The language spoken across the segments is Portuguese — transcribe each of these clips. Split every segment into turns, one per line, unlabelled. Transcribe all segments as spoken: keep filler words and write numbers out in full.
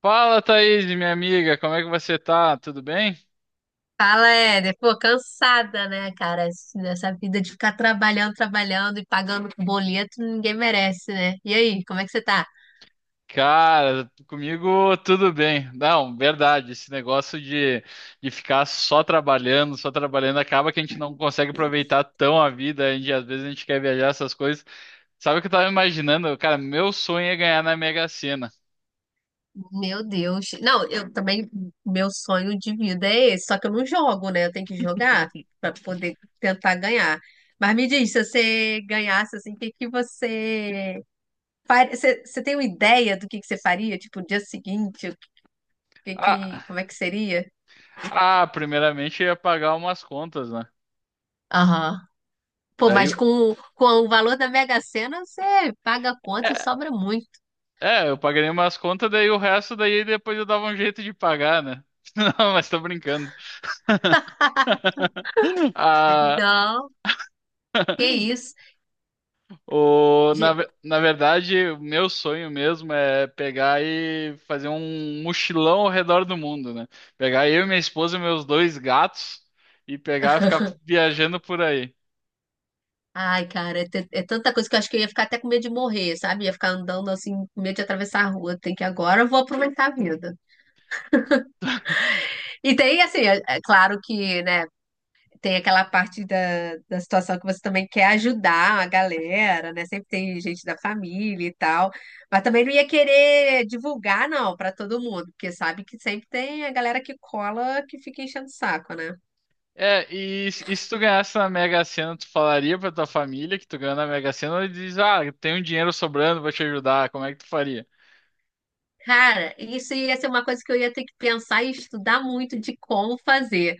Fala, Thaís, minha amiga, como é que você tá? Tudo bem?
Fala, Éder. Pô, cansada, né, cara? Assim, Dessa vida de ficar trabalhando, trabalhando e pagando boleto, ninguém merece, né? E aí, como é que você tá?
Cara, comigo tudo bem. Não, verdade, esse negócio de, de ficar só trabalhando, só trabalhando, acaba que a gente não consegue aproveitar tão a vida, a gente, às vezes a gente quer viajar essas coisas. Sabe o que eu tava imaginando? Cara, meu sonho é ganhar na Mega Sena.
Meu Deus. Não, eu também, meu sonho de vida é esse, só que eu não jogo, né? Eu tenho que jogar pra poder tentar ganhar. Mas me diz, se você ganhasse, assim, o que que você... fa- Você, você tem uma ideia do que que você faria? Tipo, o dia seguinte, o que que.
Ah,
Como é que seria?
ah, primeiramente eu ia pagar umas contas, né?
Aham. Pô,
Daí, eu-
mas com, com o valor da Mega Sena, você paga a conta e
é,
sobra muito.
é, eu pagaria umas contas, daí o resto, daí depois eu dava um jeito de pagar, né? Não, mas tô brincando.
Não, que isso.
O, na,
Ge-
ve- na verdade, o meu sonho mesmo é pegar e fazer um mochilão ao redor do mundo, né? Pegar eu, minha esposa e meus dois gatos, e pegar e ficar viajando por aí.
Ai, cara, é, t- é tanta coisa que eu acho que eu ia ficar até com medo de morrer, sabe? Ia ficar andando assim, com medo de atravessar a rua. Tem que agora, eu vou aproveitar a vida. E tem, assim, é, é claro que, né? Tem aquela parte da, da situação que você também quer ajudar a galera, né? Sempre tem gente da família e tal, mas também não ia querer divulgar, não, para todo mundo, porque sabe que sempre tem a galera que cola que fica enchendo o saco, né?
É, e se e se tu ganhasse na Mega Sena, tu falaria pra tua família que tu ganhou na Mega Sena, ou diz: ah, tem um dinheiro sobrando, vou te ajudar? Como é que tu faria?
Cara, isso ia ser uma coisa que eu ia ter que pensar e estudar muito de como fazer.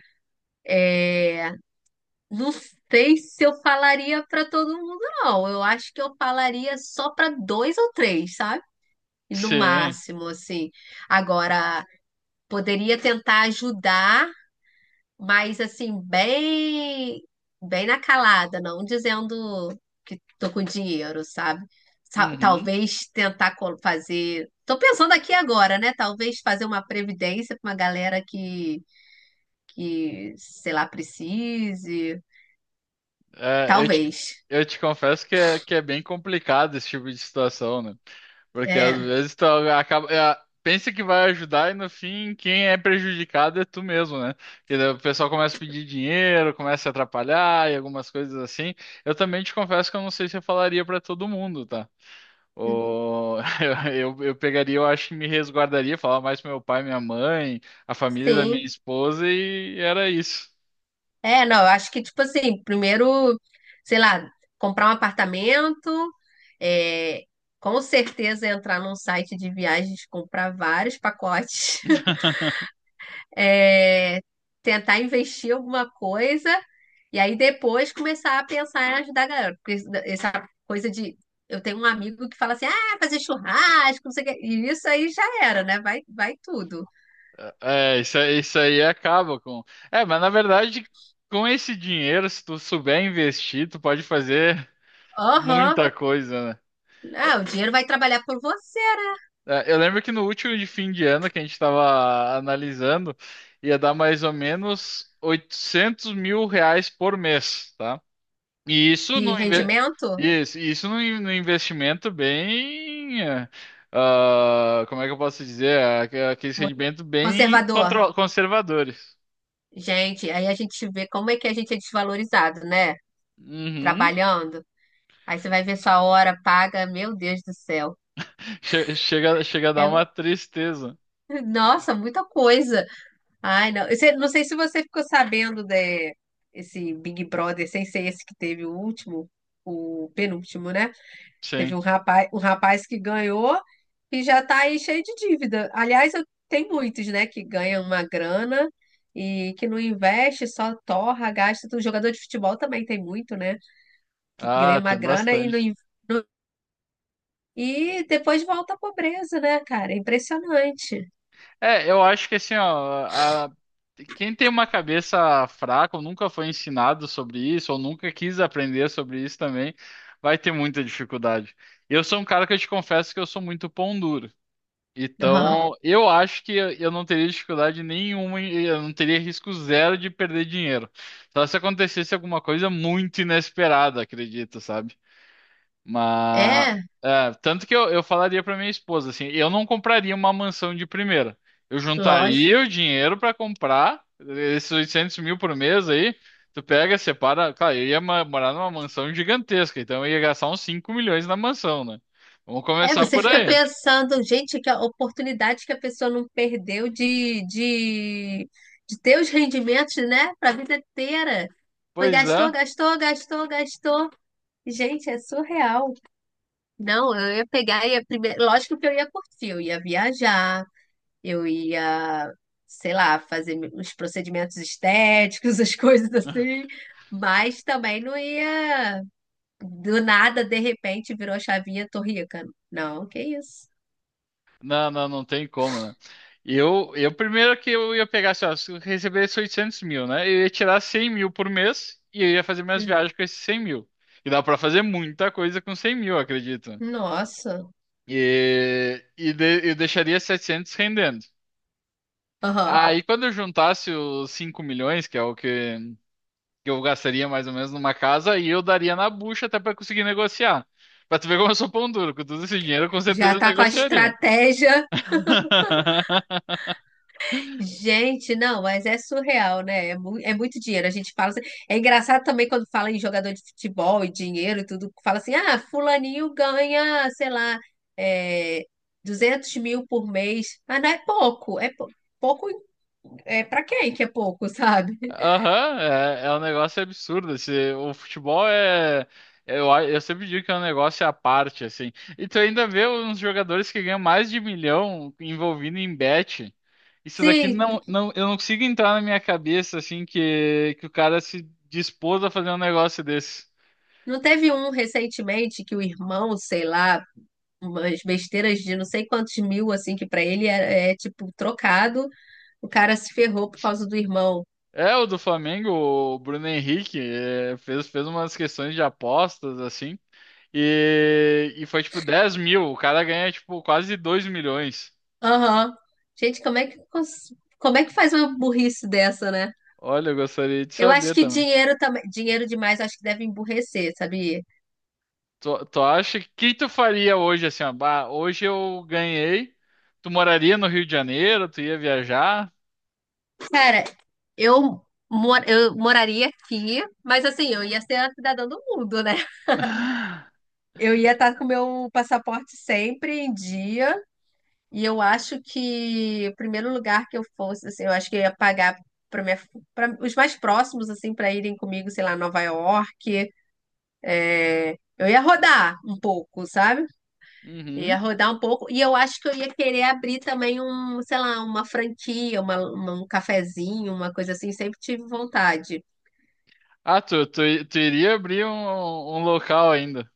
Não sei se eu falaria para todo mundo, não. Eu acho que eu falaria só para dois ou três, sabe? E No
Sim.
máximo, assim. Agora. Poderia tentar ajudar, mas assim, bem, bem na calada, não dizendo que tô com dinheiro, sabe? Sa-
Uhum.
Talvez tentar col- fazer. Tô pensando aqui agora, né? Talvez fazer uma previdência para uma galera que, que, sei lá, precise.
É, eu te,
Talvez.
eu te confesso que é, que é bem complicado esse tipo de situação, né? Porque às
É.
vezes tu acaba, é, pensa que vai ajudar e no fim quem é prejudicado é tu mesmo, né? Porque daí o pessoal começa a pedir dinheiro, começa a atrapalhar e algumas coisas assim. Eu também te confesso que eu não sei se eu falaria pra todo mundo, tá? Ou eu, eu, eu pegaria, eu acho que me resguardaria, falar mais pro meu pai, minha mãe, a família da minha
Sim.
esposa, e era isso.
É, não, eu acho que, tipo assim, primeiro, sei lá, comprar um apartamento, é, com certeza entrar num site de viagens, comprar vários pacotes, é, tentar investir alguma coisa, e aí depois começar a pensar em ajudar a galera. Porque isso- essa coisa de. Eu tenho um amigo que fala assim, ah, fazer churrasco, não sei o quê. E isso aí já era, né? Vai, vai tudo.
É, isso. Aí- isso aí acaba com. É, mas na verdade, com esse dinheiro, se tu souber investir, tu pode fazer
Aham.
muita coisa, né?
Ah, o dinheiro vai trabalhar por você, né?
É, eu lembro que no último de fim de ano que a gente estava analisando, ia dar mais ou menos oitocentos mil reais por mês, tá? E isso
De
no, inve-
rendimento.
isso, isso no, in- no investimento bem. Eh, ah, como é que eu posso dizer? Aque- Aqueles rendimentos bem
Conservador.
contro- conservadores.
Gente, aí a gente vê como é que a gente é desvalorizado, né?
Uhum.
Trabalhando. Aí você vai ver sua hora paga, meu Deus do céu.
Che- Chega, chega a dar
É,
uma tristeza.
nossa, muita coisa. Ai, não. Você- não sei se você ficou sabendo desse Big Brother, sem ser esse que teve o último, o penúltimo, né? Teve
Sim.
um rapaz, um rapaz que ganhou e já está aí cheio de dívida. Aliás, eu- tem muitos, né, que ganham uma grana e que não investe, só torra, gasta. O jogador de futebol também tem muito, né, que ganha
Ah,
uma
tem
grana e não,
bastante.
in- não- e depois volta à pobreza, né, cara? É impressionante.
É, eu acho que, assim, ó, a- quem tem uma cabeça fraca, ou nunca foi ensinado sobre isso, ou nunca quis aprender sobre isso também, vai ter muita dificuldade. Eu sou um cara que eu te confesso que eu sou muito pão duro.
Aham.
Então, eu acho que eu eu não teria dificuldade nenhuma, e eu não teria risco zero de perder dinheiro. Só se acontecesse alguma coisa muito inesperada, acredito, sabe? Mas, tá?
É,
É, tanto que eu, eu falaria para minha esposa assim: eu não compraria uma mansão de primeira. Eu
lógico.
juntaria o dinheiro para comprar esses oitocentos mil por mês aí. Tu pega, separa. Claro, eu ia ma- morar numa mansão gigantesca, então eu ia gastar uns cinco milhões na mansão, né? Vamos
É,
começar
você
por
fica
aí.
pensando, gente, que a oportunidade que a pessoa não perdeu de, de, de ter os rendimentos, né, para a vida inteira. Foi,
Pois é.
gastou, gastou, gastou, gastou. Gente, é surreal. Não, eu ia pegar, ia primeiro, lógico que eu ia curtir, eu ia viajar, eu ia, sei lá, fazer os procedimentos estéticos, as coisas assim, mas também não ia do nada, de repente, virou a chavinha, tô rica. Não, que isso.
Não, não, não tem como, né? Eu, eu primeiro que eu ia pegar, assim, ó, se eu recebesse oitocentos mil, né? Eu ia tirar cem mil por mês e eu ia fazer minhas viagens com esses cem mil. E dá pra fazer muita coisa com cem mil, eu acredito.
Nossa,
E, e de- eu deixaria setecentos rendendo.
aham.
Aí quando eu juntasse os cinco milhões, que é o que que eu gastaria mais ou menos numa casa, aí eu daria na bucha até pra conseguir negociar. Pra tu ver como eu sou pão duro, com todo esse dinheiro, eu com
Já
certeza eu
tá com a
negociaria.
estratégia. Gente, não, mas é surreal, né? É, mu- é muito dinheiro. A gente fala assim. É engraçado também quando fala em jogador de futebol e dinheiro e tudo, fala assim: ah, fulaninho ganha, sei lá, é, duzentos mil por mês. Mas não é pouco. É pou- pouco. É pra quem que é pouco, sabe?
Aham, é, é um negócio absurdo. Esse, o futebol é. é, Eu, a- eu sempre digo que é um negócio à parte, assim. E tu ainda vê uns jogadores que ganham mais de milhão envolvido em bet. Isso daqui
Sim,
não, não, eu não consigo entrar na minha cabeça, assim, que, que o cara se dispôs a fazer um negócio desse.
não teve um recentemente que o irmão, sei lá, umas besteiras de não sei quantos mil, assim, que pra ele é, é, tipo trocado. O cara se ferrou por causa do irmão.
É, o do Flamengo, o Bruno Henrique, é, fez, fez umas questões de apostas, assim. E, e foi tipo dez mil. O cara ganha, tipo, quase dois milhões.
Aham. Gente, como é que cons- como é que faz uma burrice dessa, né?
Olha, eu gostaria de
Eu acho
saber
que
também.
dinheiro também, dinheiro demais, eu acho que deve emburrecer, sabia?
Tu, tu acha que que tu faria hoje, assim, ó, bah, hoje eu ganhei. Tu moraria no Rio de Janeiro? Tu ia viajar?
Cara, eu mor- eu moraria aqui, mas assim, eu ia ser a cidadã do mundo, né? Eu ia estar com meu passaporte sempre em dia, e eu acho que o primeiro lugar que eu fosse, assim, eu acho que eu ia pagar para minha para os mais próximos assim para irem comigo, sei lá, Nova York. É, eu ia rodar um pouco, sabe? Ia
Uhum.
rodar um pouco. E eu acho que eu ia querer abrir também um, sei lá, uma franquia, uma, uma- um cafezinho, uma coisa assim. Sempre tive vontade.
Ah, tu, tu, tu iria abrir um, um local ainda.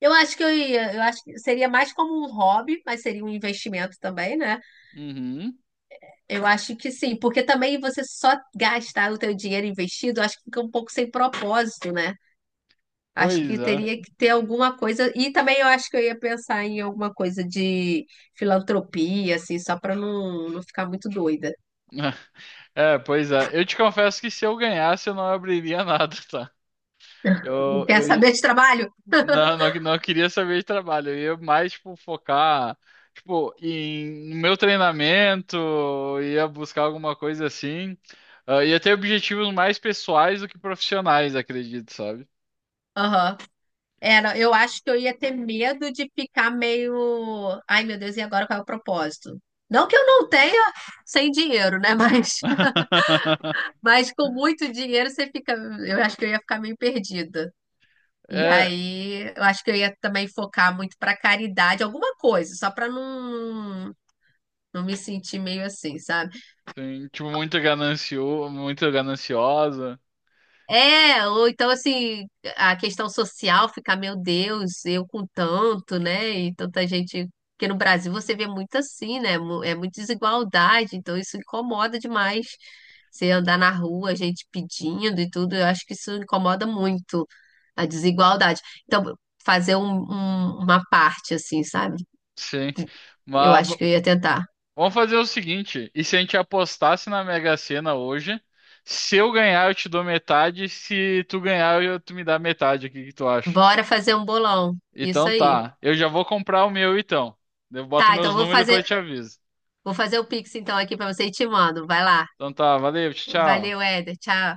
Eu acho que eu ia, eu acho que seria mais como um hobby, mas seria um investimento também, né?
Uhum.
Eu acho que sim, porque também você só gastar o teu dinheiro investido, eu acho que fica um pouco sem propósito, né? Acho
Pois
que
é.
teria que ter alguma coisa. E também eu acho que eu ia pensar em alguma coisa de filantropia, assim, só para não, não ficar muito doida.
É, pois é. Eu te confesso que, se eu ganhasse, eu não abriria nada, tá? Eu,
Quer
eu
saber de trabalho?
Não, não, não queria saber de trabalho. Eu ia mais, tipo, focar, tipo, em, no meu treinamento, ia buscar alguma coisa assim. Ah, ia ter objetivos mais pessoais do que profissionais, acredito, sabe?
Aham. Era, eu acho que eu ia ter medo de ficar meio. Ai, meu Deus, e agora qual é o propósito? Não que eu não tenha sem dinheiro, né? Mas, mas com muito dinheiro você fica. Eu acho que eu ia ficar meio perdida. E
É,
aí, eu acho que eu ia também focar muito para caridade, alguma coisa, só para não. Não me senti meio assim, sabe?
sim, tipo, muito ganancioso, muito gananciosa,
É, ou então assim, a questão social ficar, meu Deus, eu com tanto, né? E tanta gente. Porque no Brasil você vê muito assim, né? Mu- É muita desigualdade, então isso incomoda demais. Você andar na rua, gente pedindo e tudo, eu acho que isso incomoda muito a desigualdade. Então, fazer um- um- uma parte assim, sabe?
sim.
Eu
Mas
acho
v-
que eu ia tentar.
vamos fazer o seguinte: e se a gente apostasse na Mega Sena hoje, se eu ganhar, eu te dou metade, se tu ganhar, eu, tu me dá metade? O que que tu acha?
Bora fazer um bolão. Isso
Então
aí.
tá. Eu já vou comprar o meu, então. Eu boto
Tá, então
meus
eu vou
números e depois
fazer.
eu te aviso.
Vou fazer o Pix então aqui pra você e te mando. Vai lá.
Então tá, valeu, tchau.
Valeu,
Tchau.
Éder. Tchau.